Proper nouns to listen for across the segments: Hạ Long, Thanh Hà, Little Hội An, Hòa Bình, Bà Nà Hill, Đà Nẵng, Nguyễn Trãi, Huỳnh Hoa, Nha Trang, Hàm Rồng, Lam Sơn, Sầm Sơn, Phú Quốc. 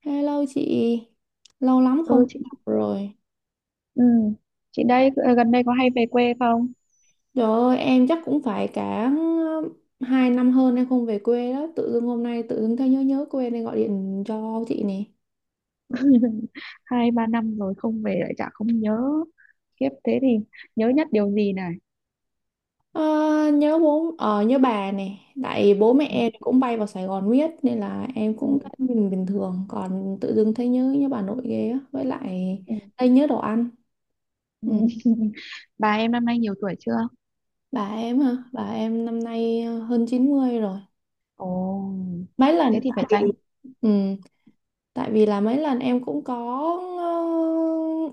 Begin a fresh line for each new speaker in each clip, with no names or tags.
Hello chị, lâu lắm không
Ừ, chị.
gặp rồi.
Ừ. Chị đây, gần đây có hay về quê không?
Trời ơi, em chắc cũng phải cả hai năm hơn em không về quê đó. Tự dưng hôm nay tự dưng thấy nhớ nhớ quê nên gọi điện cho chị nè.
Hai ba năm rồi không về lại chả không nhớ. Kiếp thế thì nhớ nhất điều gì này?
Ờ, nhớ bố, nhớ bà nè. Tại bố mẹ
Ừ.
em cũng bay vào Sài Gòn miết nên là em
Ừ.
cũng thấy mình bình thường. Còn tự dưng thấy nhớ nhớ bà nội ghê á. Với lại
Ừ.
thấy nhớ đồ ăn.
Ừ.
Ừ.
Bà em năm nay nhiều tuổi chưa?
Bà em hả? Bà em năm nay hơn 90 rồi.
Ồ,
Mấy
thế
lần
thì
tại
phải
vì
tránh.
ừ, tại vì là mấy lần em cũng có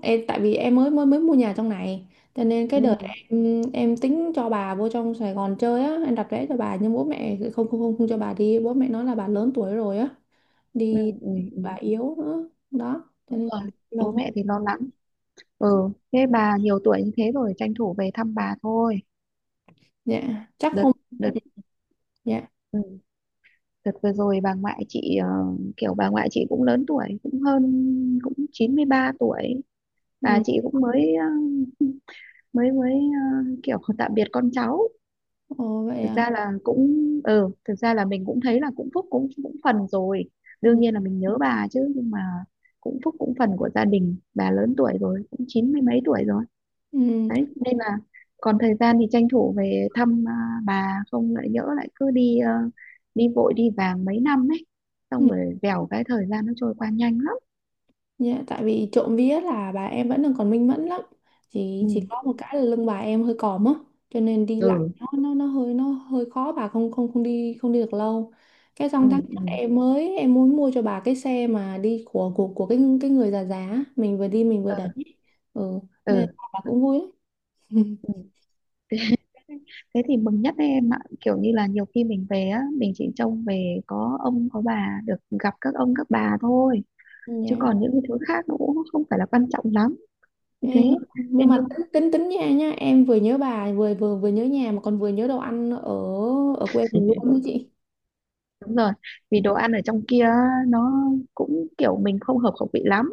ờ, em tại vì em mới mới mới mua nhà trong này cho nên cái
Ừ.
đợt em tính cho bà vô trong Sài Gòn chơi á, em đặt vé cho bà nhưng bố mẹ không không không không cho bà đi, bố mẹ nói là bà lớn tuổi rồi á,
Ừ.
đi
Ừ. Ừ.
bà yếu nữa đó cho
Đúng
nên
rồi,
là
bố
lâu.
mẹ thì lo lắng. Ừ, thế bà nhiều tuổi như thế rồi tranh thủ về thăm bà thôi.
Dạ chắc
đợt
không,
đợt
dạ,
Ừ. Đợt vừa rồi bà ngoại chị, kiểu bà ngoại chị cũng lớn tuổi, cũng hơn, cũng 93 tuổi. Bà
ừ.
chị cũng mới ờ, mới mới ờ, kiểu tạm biệt con cháu.
Ồ vậy
Thực
à.
ra là cũng Ừ, thực ra là mình cũng thấy là cũng phúc cũng cũng phần rồi. Đương
Ừ.
nhiên là mình nhớ bà chứ, nhưng mà cũng phúc cũng phần của gia đình, bà lớn tuổi rồi, cũng chín mươi mấy tuổi rồi
Ừ.
đấy, nên là còn thời gian thì tranh thủ về thăm, bà không lại nhỡ lại cứ đi, đi vội đi vàng mấy năm ấy, xong
Ừ.
rồi vèo cái thời gian nó trôi qua nhanh lắm.
Dạ, tại vì trộm vía là bà em vẫn đang còn minh mẫn lắm, chỉ
Ừ,
chỉ có một cái là lưng bà em hơi còm á, cho nên đi lại
ừ,
nó hơi khó, bà không không không đi không đi được lâu. Cái
ừ,
xong tháng
ừ,
trước em mới em muốn mua cho bà cái xe mà đi của cái người già già á, mình vừa đi mình vừa đẩy. Ừ, nên
ừ,
bà cũng vui lắm.
ừ. Ừ. Thế, thế thì mừng nhất đấy em ạ, kiểu như là nhiều khi mình về á, mình chỉ trông về có ông có bà, được gặp các ông các bà thôi, chứ
Dạ.
còn những cái thứ khác nó cũng không phải là quan trọng lắm như thế.
Ê,
Thế
nhưng mà
nhưng.
tính tính tính nha nhá, em vừa nhớ bà, vừa vừa vừa nhớ nhà, mà còn vừa nhớ đồ ăn ở ở quê mình luôn đó chị.
Đúng rồi, vì đồ ăn ở trong kia á, nó cũng kiểu mình không hợp khẩu vị lắm.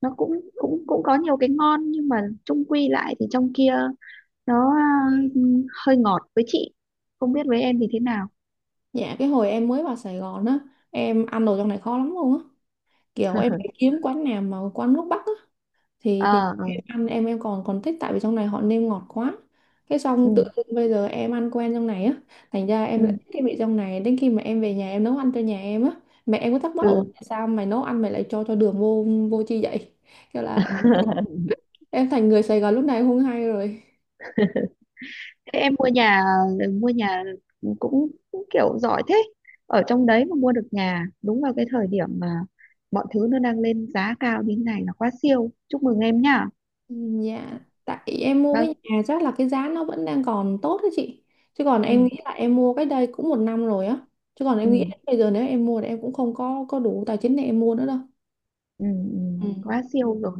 Nó cũng cũng cũng có nhiều cái ngon nhưng mà chung quy lại thì trong kia nó, ừ, hơi ngọt với chị. Không biết với em thì thế nào.
Dạ cái hồi em mới vào Sài Gòn á, em ăn đồ trong này khó lắm luôn á, kiểu em phải kiếm quán nào mà quán nước Bắc á, thì
Ờ, ừ,
em ăn em còn còn thích. Tại vì trong này họ nêm ngọt quá. Cái
ừ,
xong tự dưng bây giờ em ăn quen trong này á, thành ra
ừ.
em lại thích cái vị trong này. Đến khi mà em về nhà em nấu ăn cho nhà em á, mẹ em có thắc mắc: ủa
Ừ.
tại sao mày nấu ăn mày lại cho đường vô vô chi vậy? Kiểu là em thành người Sài Gòn lúc này không hay rồi.
Thế em mua nhà, mua nhà cũng kiểu giỏi thế. Ở trong đấy mà mua được nhà đúng vào cái thời điểm mà mọi thứ nó đang lên giá cao như thế này là quá siêu. Chúc mừng em nhá.
Dạ, tại em mua cái
Vâng.
nhà chắc là cái giá nó vẫn đang còn tốt đó chị. Chứ còn
Ừ,
em nghĩ là em mua cái đây cũng một năm rồi á. Chứ còn em nghĩ
ừ.
là bây giờ nếu em mua thì em cũng không có có đủ tài chính để em mua nữa đâu.
Ừ, ừ,
Ừ.
quá siêu rồi,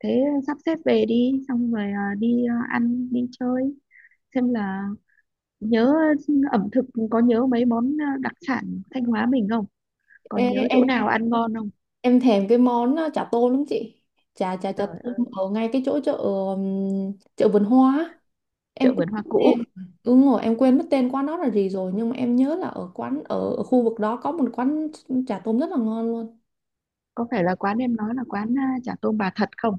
thế sắp xếp về đi xong rồi, đi, ăn đi chơi, xem là nhớ ẩm thực, có nhớ mấy món, đặc sản Thanh Hóa mình không,
Ê,
còn nhớ chỗ
em
nào ăn ngon không?
em thèm cái món chả tôm lắm chị. Chả chả chả
Trời
tôm
ơi,
ở ngay cái chỗ chợ, chợ vườn hoa á. Em
chợ
quên
vườn hoa
mất tên.
cũ.
Ừ, đúng rồi, em quên mất tên quán đó là gì rồi, nhưng mà em nhớ là ở quán ở, ở khu vực đó có một quán chả tôm rất là ngon luôn.
Có phải là quán em nói là quán, chả tôm bà thật không?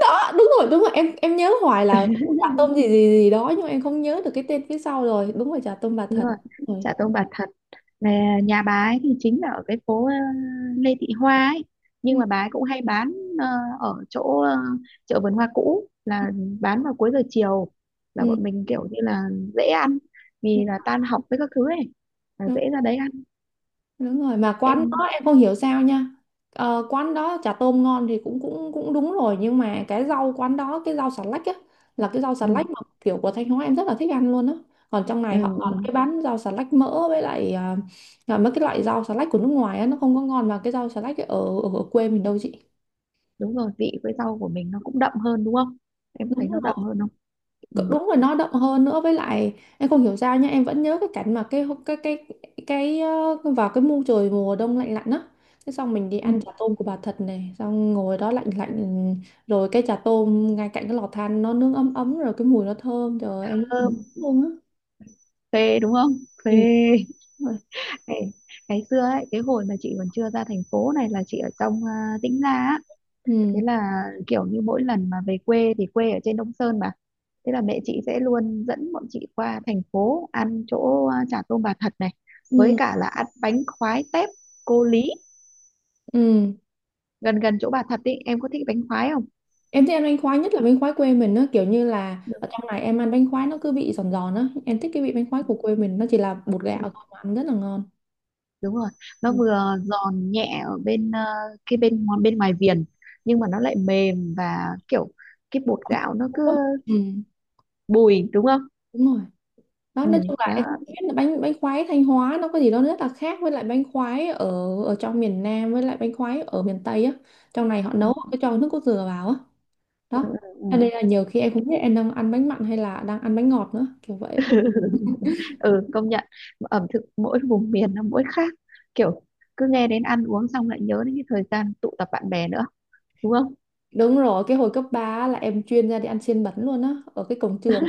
Đó đúng rồi, đúng rồi, em nhớ hoài là chả tôm gì gì gì đó, nhưng mà em không nhớ được cái tên phía sau rồi. Đúng rồi, chả tôm bà
Đúng
Thật.
rồi,
Đúng rồi.
chợ Tôn Bà Thật là nhà bà ấy, thì chính là ở cái phố, Lê Thị Hoa ấy, nhưng
Ừ,
mà bà ấy cũng hay bán, ờ, ở chỗ, chợ vườn hoa cũ, là bán vào cuối giờ chiều, là
ừ,
bọn mình kiểu như là dễ ăn,
ừ,
vì là
ừ.
tan học với các thứ ấy là
Đúng,
dễ ra đấy ăn.
đúng rồi, mà quán đó
Em,
em không hiểu sao nha, quán đó chả tôm ngon thì cũng cũng cũng đúng rồi, nhưng mà cái rau quán đó, cái rau xà lách á, là cái rau xà
ừ,
lách mà kiểu của Thanh Hóa em rất là thích ăn luôn á. Còn trong
ừ,
này họ còn
ừ.
cái bán rau xà lách mỡ với lại à, là mấy cái loại rau xà lách của nước ngoài á, nó không có ngon bằng cái rau xà lách ở ở ở quê mình đâu chị.
Đúng rồi, vị với rau của mình nó cũng đậm hơn, đúng không? Em có
Đúng.
thấy nó đậm hơn không? Ừ.
Cỡ- đúng rồi, nó động hơn nữa, với lại em không hiểu sao nha, em vẫn nhớ cái cảnh mà cái vào cái mùa trời mùa đông lạnh lạnh á, thế xong mình đi
Ừ.
ăn chả tôm của bà Thật này, xong ngồi đó lạnh lạnh, ừ, rồi cái chả tôm ngay cạnh cái lò than nó nướng ấm ấm, rồi cái mùi nó thơm, trời ơi, em nhớ
Thơm,
luôn á.
phê đúng không, phê.
Ừ, đúng rồi.
Ê, ngày xưa ấy cái hồi mà chị còn chưa ra thành phố này là chị ở trong, Tĩnh Gia á, thế
Ừ
là kiểu như mỗi lần mà về quê thì quê ở trên Đông Sơn mà, thế là mẹ chị sẽ luôn dẫn bọn chị qua thành phố ăn chỗ, chả tôm bà Thật này, với
ừ
cả là ăn bánh khoái tép cô Lý
ừ.
gần gần chỗ bà Thật ý. Em có thích bánh khoái không?
Em thích ăn bánh khoái, nhất là bánh khoái quê mình á, kiểu như là
Được.
ở trong này em ăn bánh khoái nó cứ vị giòn giòn á, em thích cái vị bánh khoái của quê mình nó chỉ là bột gạo
Ừ,
thôi mà ăn rất là ngon.
đúng rồi, nó
Ừ.
vừa giòn nhẹ ở bên, bên ngoài viền, nhưng mà nó lại mềm và kiểu cái bột gạo nó cứ
Ừ,
bùi, đúng không?
đúng rồi, đó
Ừ,
nói chung là
đó.
em cũng biết là bánh bánh khoái Thanh Hóa nó có gì đó rất là khác với lại bánh khoái ở ở trong miền Nam với lại bánh khoái ở miền Tây á, trong này họ
Ừ,
nấu họ cứ cho nước cốt dừa vào á.
ừ,
Đó
ừ, ừ.
cho nên là nhiều khi em
Cái-
không biết em đang ăn bánh mặn hay là đang ăn bánh ngọt nữa, kiểu vậy.
ừ, công nhận ẩm thực mỗi vùng miền nó mỗi khác, kiểu cứ nghe đến ăn uống xong lại nhớ đến cái thời gian tụ tập bạn bè nữa, đúng không?
Đúng rồi, cái hồi cấp 3 là em chuyên ra đi ăn xiên bẩn luôn á ở cái cổng trường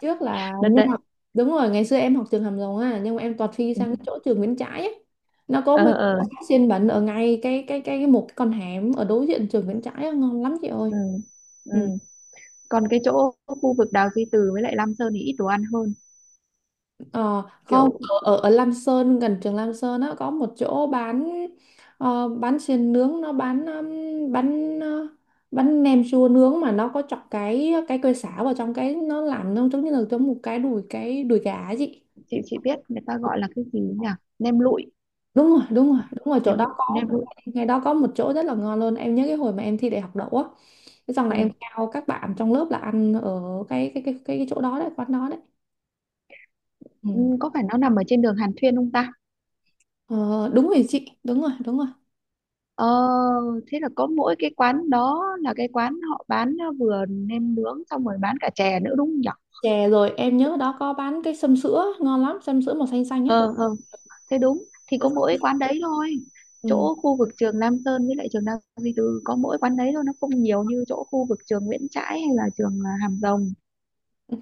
trước, là
Đợt
nhưng
đấy.
mà đúng rồi, ngày xưa em học trường Hàm Rồng á nhưng mà em toàn phi
Ừ,
sang cái chỗ trường Nguyễn Trãi ấy. Nó có
ờ,
mấy cái
ờ,
quán xiên bẩn ở ngay cái con hẻm ở đối diện trường Nguyễn Trãi á, ngon lắm chị ơi.
ừ, ừ.
Ừ.
Còn cái chỗ khu vực Đào Duy Từ với lại Lam Sơn thì ít đồ ăn hơn,
ờ, không
kiểu
ở, ở ở Lam Sơn gần trường Lam Sơn á có một chỗ bán, bán xiên nướng, nó bán bán nem chua nướng mà nó có chọc cái cây sả vào trong cái, nó làm nó giống như là giống một cái đùi, cái đùi gà ấy chị.
chị biết người ta gọi là cái gì nhỉ? Nem lụi,
Đúng rồi, đúng rồi, đúng rồi, chỗ
nem
đó
lụi,
có,
nem lụi.
ngay đó có một chỗ rất là ngon luôn. Em nhớ cái hồi mà em thi đại học đậu á, thế xong là
Ừ.
em theo các bạn trong lớp là ăn ở cái chỗ đó đấy, quán đó đấy. Ừ.
Ừ, có phải nó nằm ở trên đường Hàn Thuyên không ta?
Ờ, đúng rồi chị, đúng rồi, đúng rồi.
Ờ, thế là có mỗi cái quán đó là cái quán họ bán, vừa nem nướng xong rồi bán cả chè nữa đúng không nhỉ?
Chè rồi em nhớ đó có bán cái sâm sữa ngon lắm, sâm sữa màu xanh xanh á.
Ờ, ờ. Thế đúng, thì có mỗi quán đấy thôi.
Ừ.
Chỗ khu vực trường Lam Sơn với lại trường Nam Duy Tư có mỗi quán đấy thôi, nó không nhiều như chỗ khu vực trường Nguyễn Trãi hay là trường, Hàm Rồng.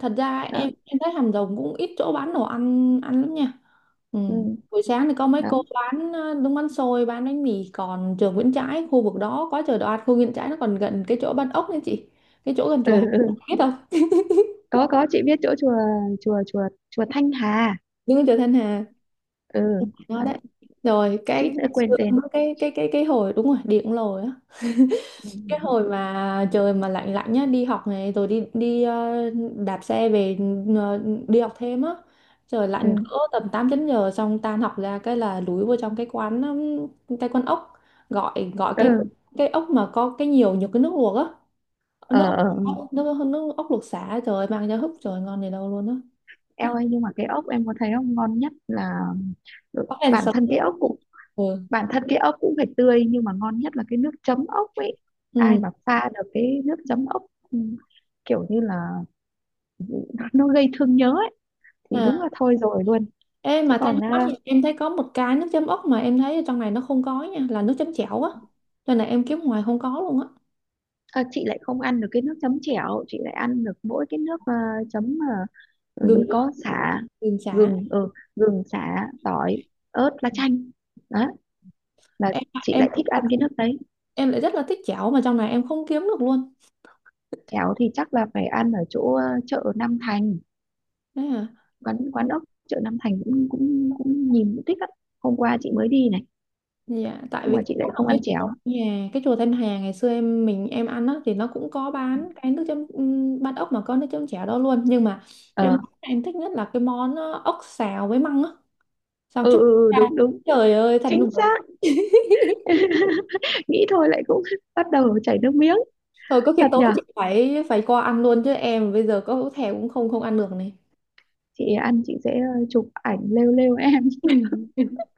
Thật ra
Đó,
em thấy Hàm Rồng cũng ít chỗ bán đồ ăn ăn lắm nha. Ừ.
ừ,
Buổi sáng thì có mấy
đó.
cô bán đúng bánh xôi bán bánh mì, còn trường Nguyễn Trãi khu vực đó có chợ đồ ăn khu Nguyễn Trãi, nó còn gần cái chỗ bán ốc nữa chị, cái chỗ gần
Ừ,
chùa Hà,
ừ.
biết không?
Có, chị biết chỗ chùa chùa chùa chùa Thanh Hà.
Nhưng chợ Thanh Hà
Ừ,
nó
đấy,
đấy, rồi
suýt
cái
nữa quên
cái
tên.
cái cái cái cái hồi đúng rồi điện lồi á, cái
Ừ.
hồi mà trời mà lạnh lạnh nhá, đi học này, rồi đi đi đạp xe về, ờ, đi học thêm á, trời
Ừ.
lạnh cỡ tầm 8 9 giờ, xong tan học ra cái là lúi vô trong cái quán, cái quán ốc, gọi gọi cái
Ừ.
cái ốc mà có cái nhiều nhiều cái nước luộc á,
Ờ,
nước ốc,
ờ, ờ.
nước ốc luộc sả trời mang ra húp, trời ngon gì đâu luôn á.
Eo ơi, nhưng mà cái ốc em có thấy không ngon nhất là, ừ,
Có ăn sờ. Ừ.
bản thân cái ốc cũng phải tươi, nhưng mà ngon nhất là cái nước chấm ốc ấy. Ai
Ừ.
mà pha được cái nước chấm ốc, ừ, kiểu như là nó gây thương nhớ ấy, thì đúng
À,
là thôi rồi luôn.
ê
Chứ
mà Thanh
còn,
Hóa thì em thấy có một cái nước chấm ốc mà em thấy ở trong này nó không có nha, là nước chấm chảo á, cho nên là em kiếm ngoài không có luôn á.
chị lại không ăn được cái nước chấm chẻo, chị lại ăn được mỗi cái nước, chấm, ừ,
Gừng
như
á,
có sả,
gừng chả.
gừng ừ, gừng sả tỏi ớt lá chanh, đó là
em
chị
em
lại thích ăn cái nước đấy.
em lại rất là thích chảo mà trong này em không kiếm được luôn.
Cháo thì chắc là phải ăn ở chỗ, chợ Nam Thành,
Đấy à.
quán quán ốc chợ Nam Thành cũng cũng cũng nhìn cũng thích lắm. Hôm qua chị mới đi này,
Dạ tại
nhưng
vì
mà
cái
chị
chỗ
lại
ở
không ăn
cái chùa
cháo.
nhà cái chùa Thanh Hà ngày xưa em mình em ăn á, thì nó cũng có bán cái nước chấm, bát ốc mà có nước chấm chảo đó luôn, nhưng mà cái
Ờ,
món em thích nhất là cái món ốc xào với măng á, xào
ừ,
chúc.
ừ, ừ,
À,
đúng đúng,
trời ơi thật
chính
nực cười.
xác. Nghĩ thôi lại cũng bắt đầu chảy nước miếng.
Thôi có khi
Thật
tối
nhở?
chị phải phải qua ăn luôn, chứ em bây giờ có thèm cũng không không ăn được này.
Chị ăn chị sẽ, chụp ảnh lêu lêu em.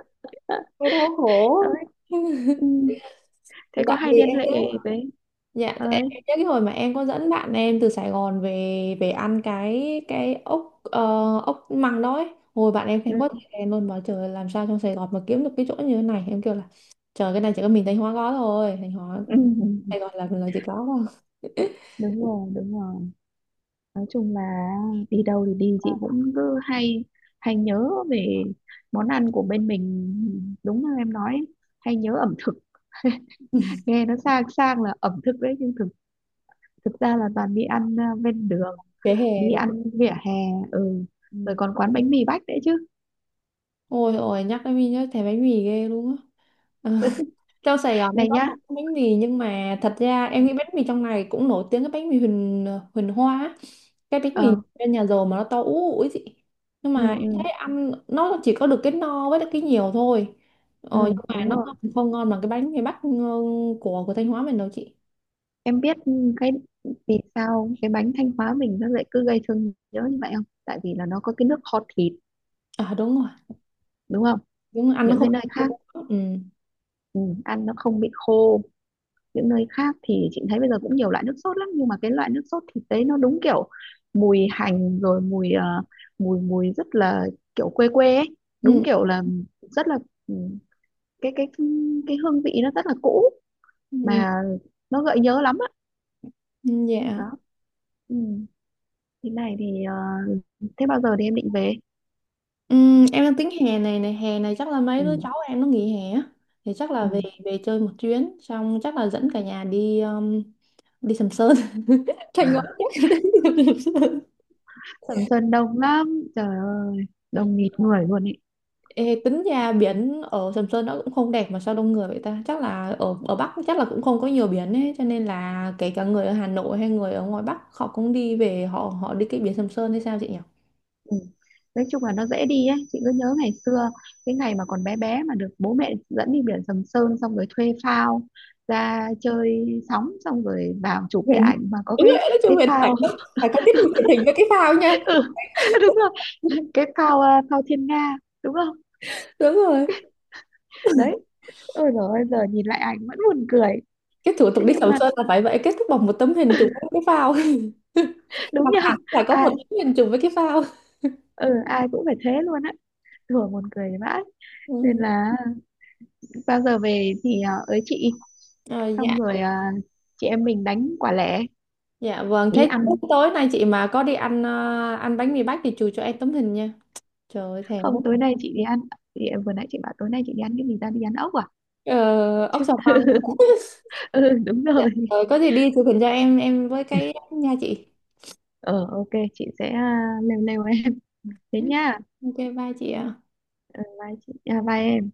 Cái đau khổ.
Đấy. Ừ. Thế có
Tại
hay
vì
liên
em
hệ
nhớ.
với
Dạ,
với Ừ.
em nhớ cái hồi mà em có dẫn bạn em từ Sài Gòn về, về ăn cái ốc ốc măng đó ấy. Hồi bạn em khen quá
Ừ.
trời khen luôn, bảo trời ơi, làm sao trong Sài Gòn mà kiếm được cái chỗ như thế này. Em kêu là trời, cái này chỉ có mình Thanh Hóa có thôi. Thanh Hóa
Ừ, ừ, ừ.
Sài Gòn là chỉ có thôi.
Đúng rồi, đúng rồi. Nói chung là đi đâu thì đi chị cũng cứ hay hay nhớ về món ăn của bên mình, đúng như em nói, hay nhớ ẩm thực. Nghe nó sang sang là ẩm thực đấy, nhưng thực thực ra là toàn đi ăn, bên đường,
Vỉa hè
đi
đúng không?
ăn vỉa hè. Ừ, rồi
Ừ.
còn quán bánh mì Bách đấy chứ?
Ôi ôi nhắc đến mình nhớ thèm bánh mì ghê luôn á. Ờ. Trong Sài Gòn em
Này
có
nhá.
một bánh mì, nhưng mà thật ra em nghĩ bánh mì trong này cũng nổi tiếng, cái bánh mì Huỳnh Huỳnh Hoa á. Cái bánh
Ờ,
mì bên nhà giàu mà nó to ú ủi chị, nhưng
ừ,
mà em
ừ,
thấy ăn nó chỉ có được cái no với lại cái nhiều thôi.
ừ,
Ờ, nhưng mà
đúng
nó
rồi.
không ngon bằng cái bánh mì Bắc, ừ, của Thanh Hóa mình đâu chị.
Em biết cái vì sao cái bánh Thanh Hóa mình nó lại cứ gây thương nhớ như vậy không? Tại vì là nó có cái nước kho thịt,
À đúng rồi,
đúng không?
đúng, ăn nó
Những
không.
cái nơi khác,
Ừ.
ừ, ăn nó không bị khô. Những nơi khác thì chị thấy bây giờ cũng nhiều loại nước sốt lắm, nhưng mà cái loại nước sốt thịt đấy nó đúng kiểu mùi hành, rồi mùi ờ, mùi mùi rất là kiểu quê quê ấy, đúng
Ừ.
kiểu là rất là, ừ, cái cái cái hương vị nó rất là cũ,
Ừ.
mà nó gợi nhớ lắm á,
Ừ. Dạ.
đó. Ừ. Thế này thì, thế bao giờ thì em định về?
Em đang tính hè này, hè này chắc là mấy
Ừ.
đứa cháu em nó nghỉ hè á, thì chắc là
Ừ.
về về chơi một chuyến, xong chắc là dẫn cả nhà đi đi Sầm Sơn. Thanh Hóa, chắc là đi Sầm Sơn.
Sầm Sơn đông lắm, trời ơi, đông nghịt người luôn ấy.
Ê, tính ra biển ở Sầm Sơn nó cũng không đẹp mà sao đông người vậy ta, chắc là ở ở Bắc chắc là cũng không có nhiều biển ấy, cho nên là kể cả người ở Hà Nội hay người ở ngoài Bắc họ cũng đi về họ họ đi cái biển Sầm Sơn hay sao chị nhỉ.
Ừ. Nói chung là nó dễ đi ấy, chị cứ nhớ ngày xưa cái ngày mà còn bé bé mà được bố mẹ dẫn đi biển Sầm Sơn, xong rồi thuê phao ra chơi sóng, xong rồi vào chụp cái
Biển.
ảnh mà có
Đúng rồi,
cái
nói chung
cái
Huyền
phao.
phải có tiết mục thiện tình với cái phao nha.
Ừ, đúng rồi, cái phao, phao Thiên Nga đúng không?
Đúng rồi,
Đấy, ôi rồi, ôi giờ nhìn lại ảnh vẫn buồn cười.
cái thủ
Thế
tục đi
nhưng
Sầm
mà
Sơn là phải vậy, kết thúc bằng một tấm hình chụp với cái phao. Mặt
đúng nhờ,
nạ phải có một
ai
tấm hình chụp với cái phao.
ừ, ai cũng phải thế luôn á, thường buồn cười vãi.
Ừ.
Nên là bao giờ về thì, ới chị,
Ờ, dạ.
xong rồi, chị em mình đánh quả lẻ
Dạ vâng
đi
thế,
ăn.
tối nay chị mà có đi ăn ăn bánh mì Bách thì chụp cho em tấm hình nha, trời ơi thèm
Không,
quá.
tối nay chị đi ăn, chị, vừa nãy chị bảo tối nay chị đi ăn cái gì ta, đi ăn ốc à,
Ờ, ốc
chứ.
sò măng.
Ừ, đúng
Dạ.
rồi.
Ờ, có gì đi chụp hình cho em với cái nha chị.
Ờ, ok, chị sẽ, lêu lêu em, thế nha.
OK, bye chị ạ.
Ờ, bye chị, bye em.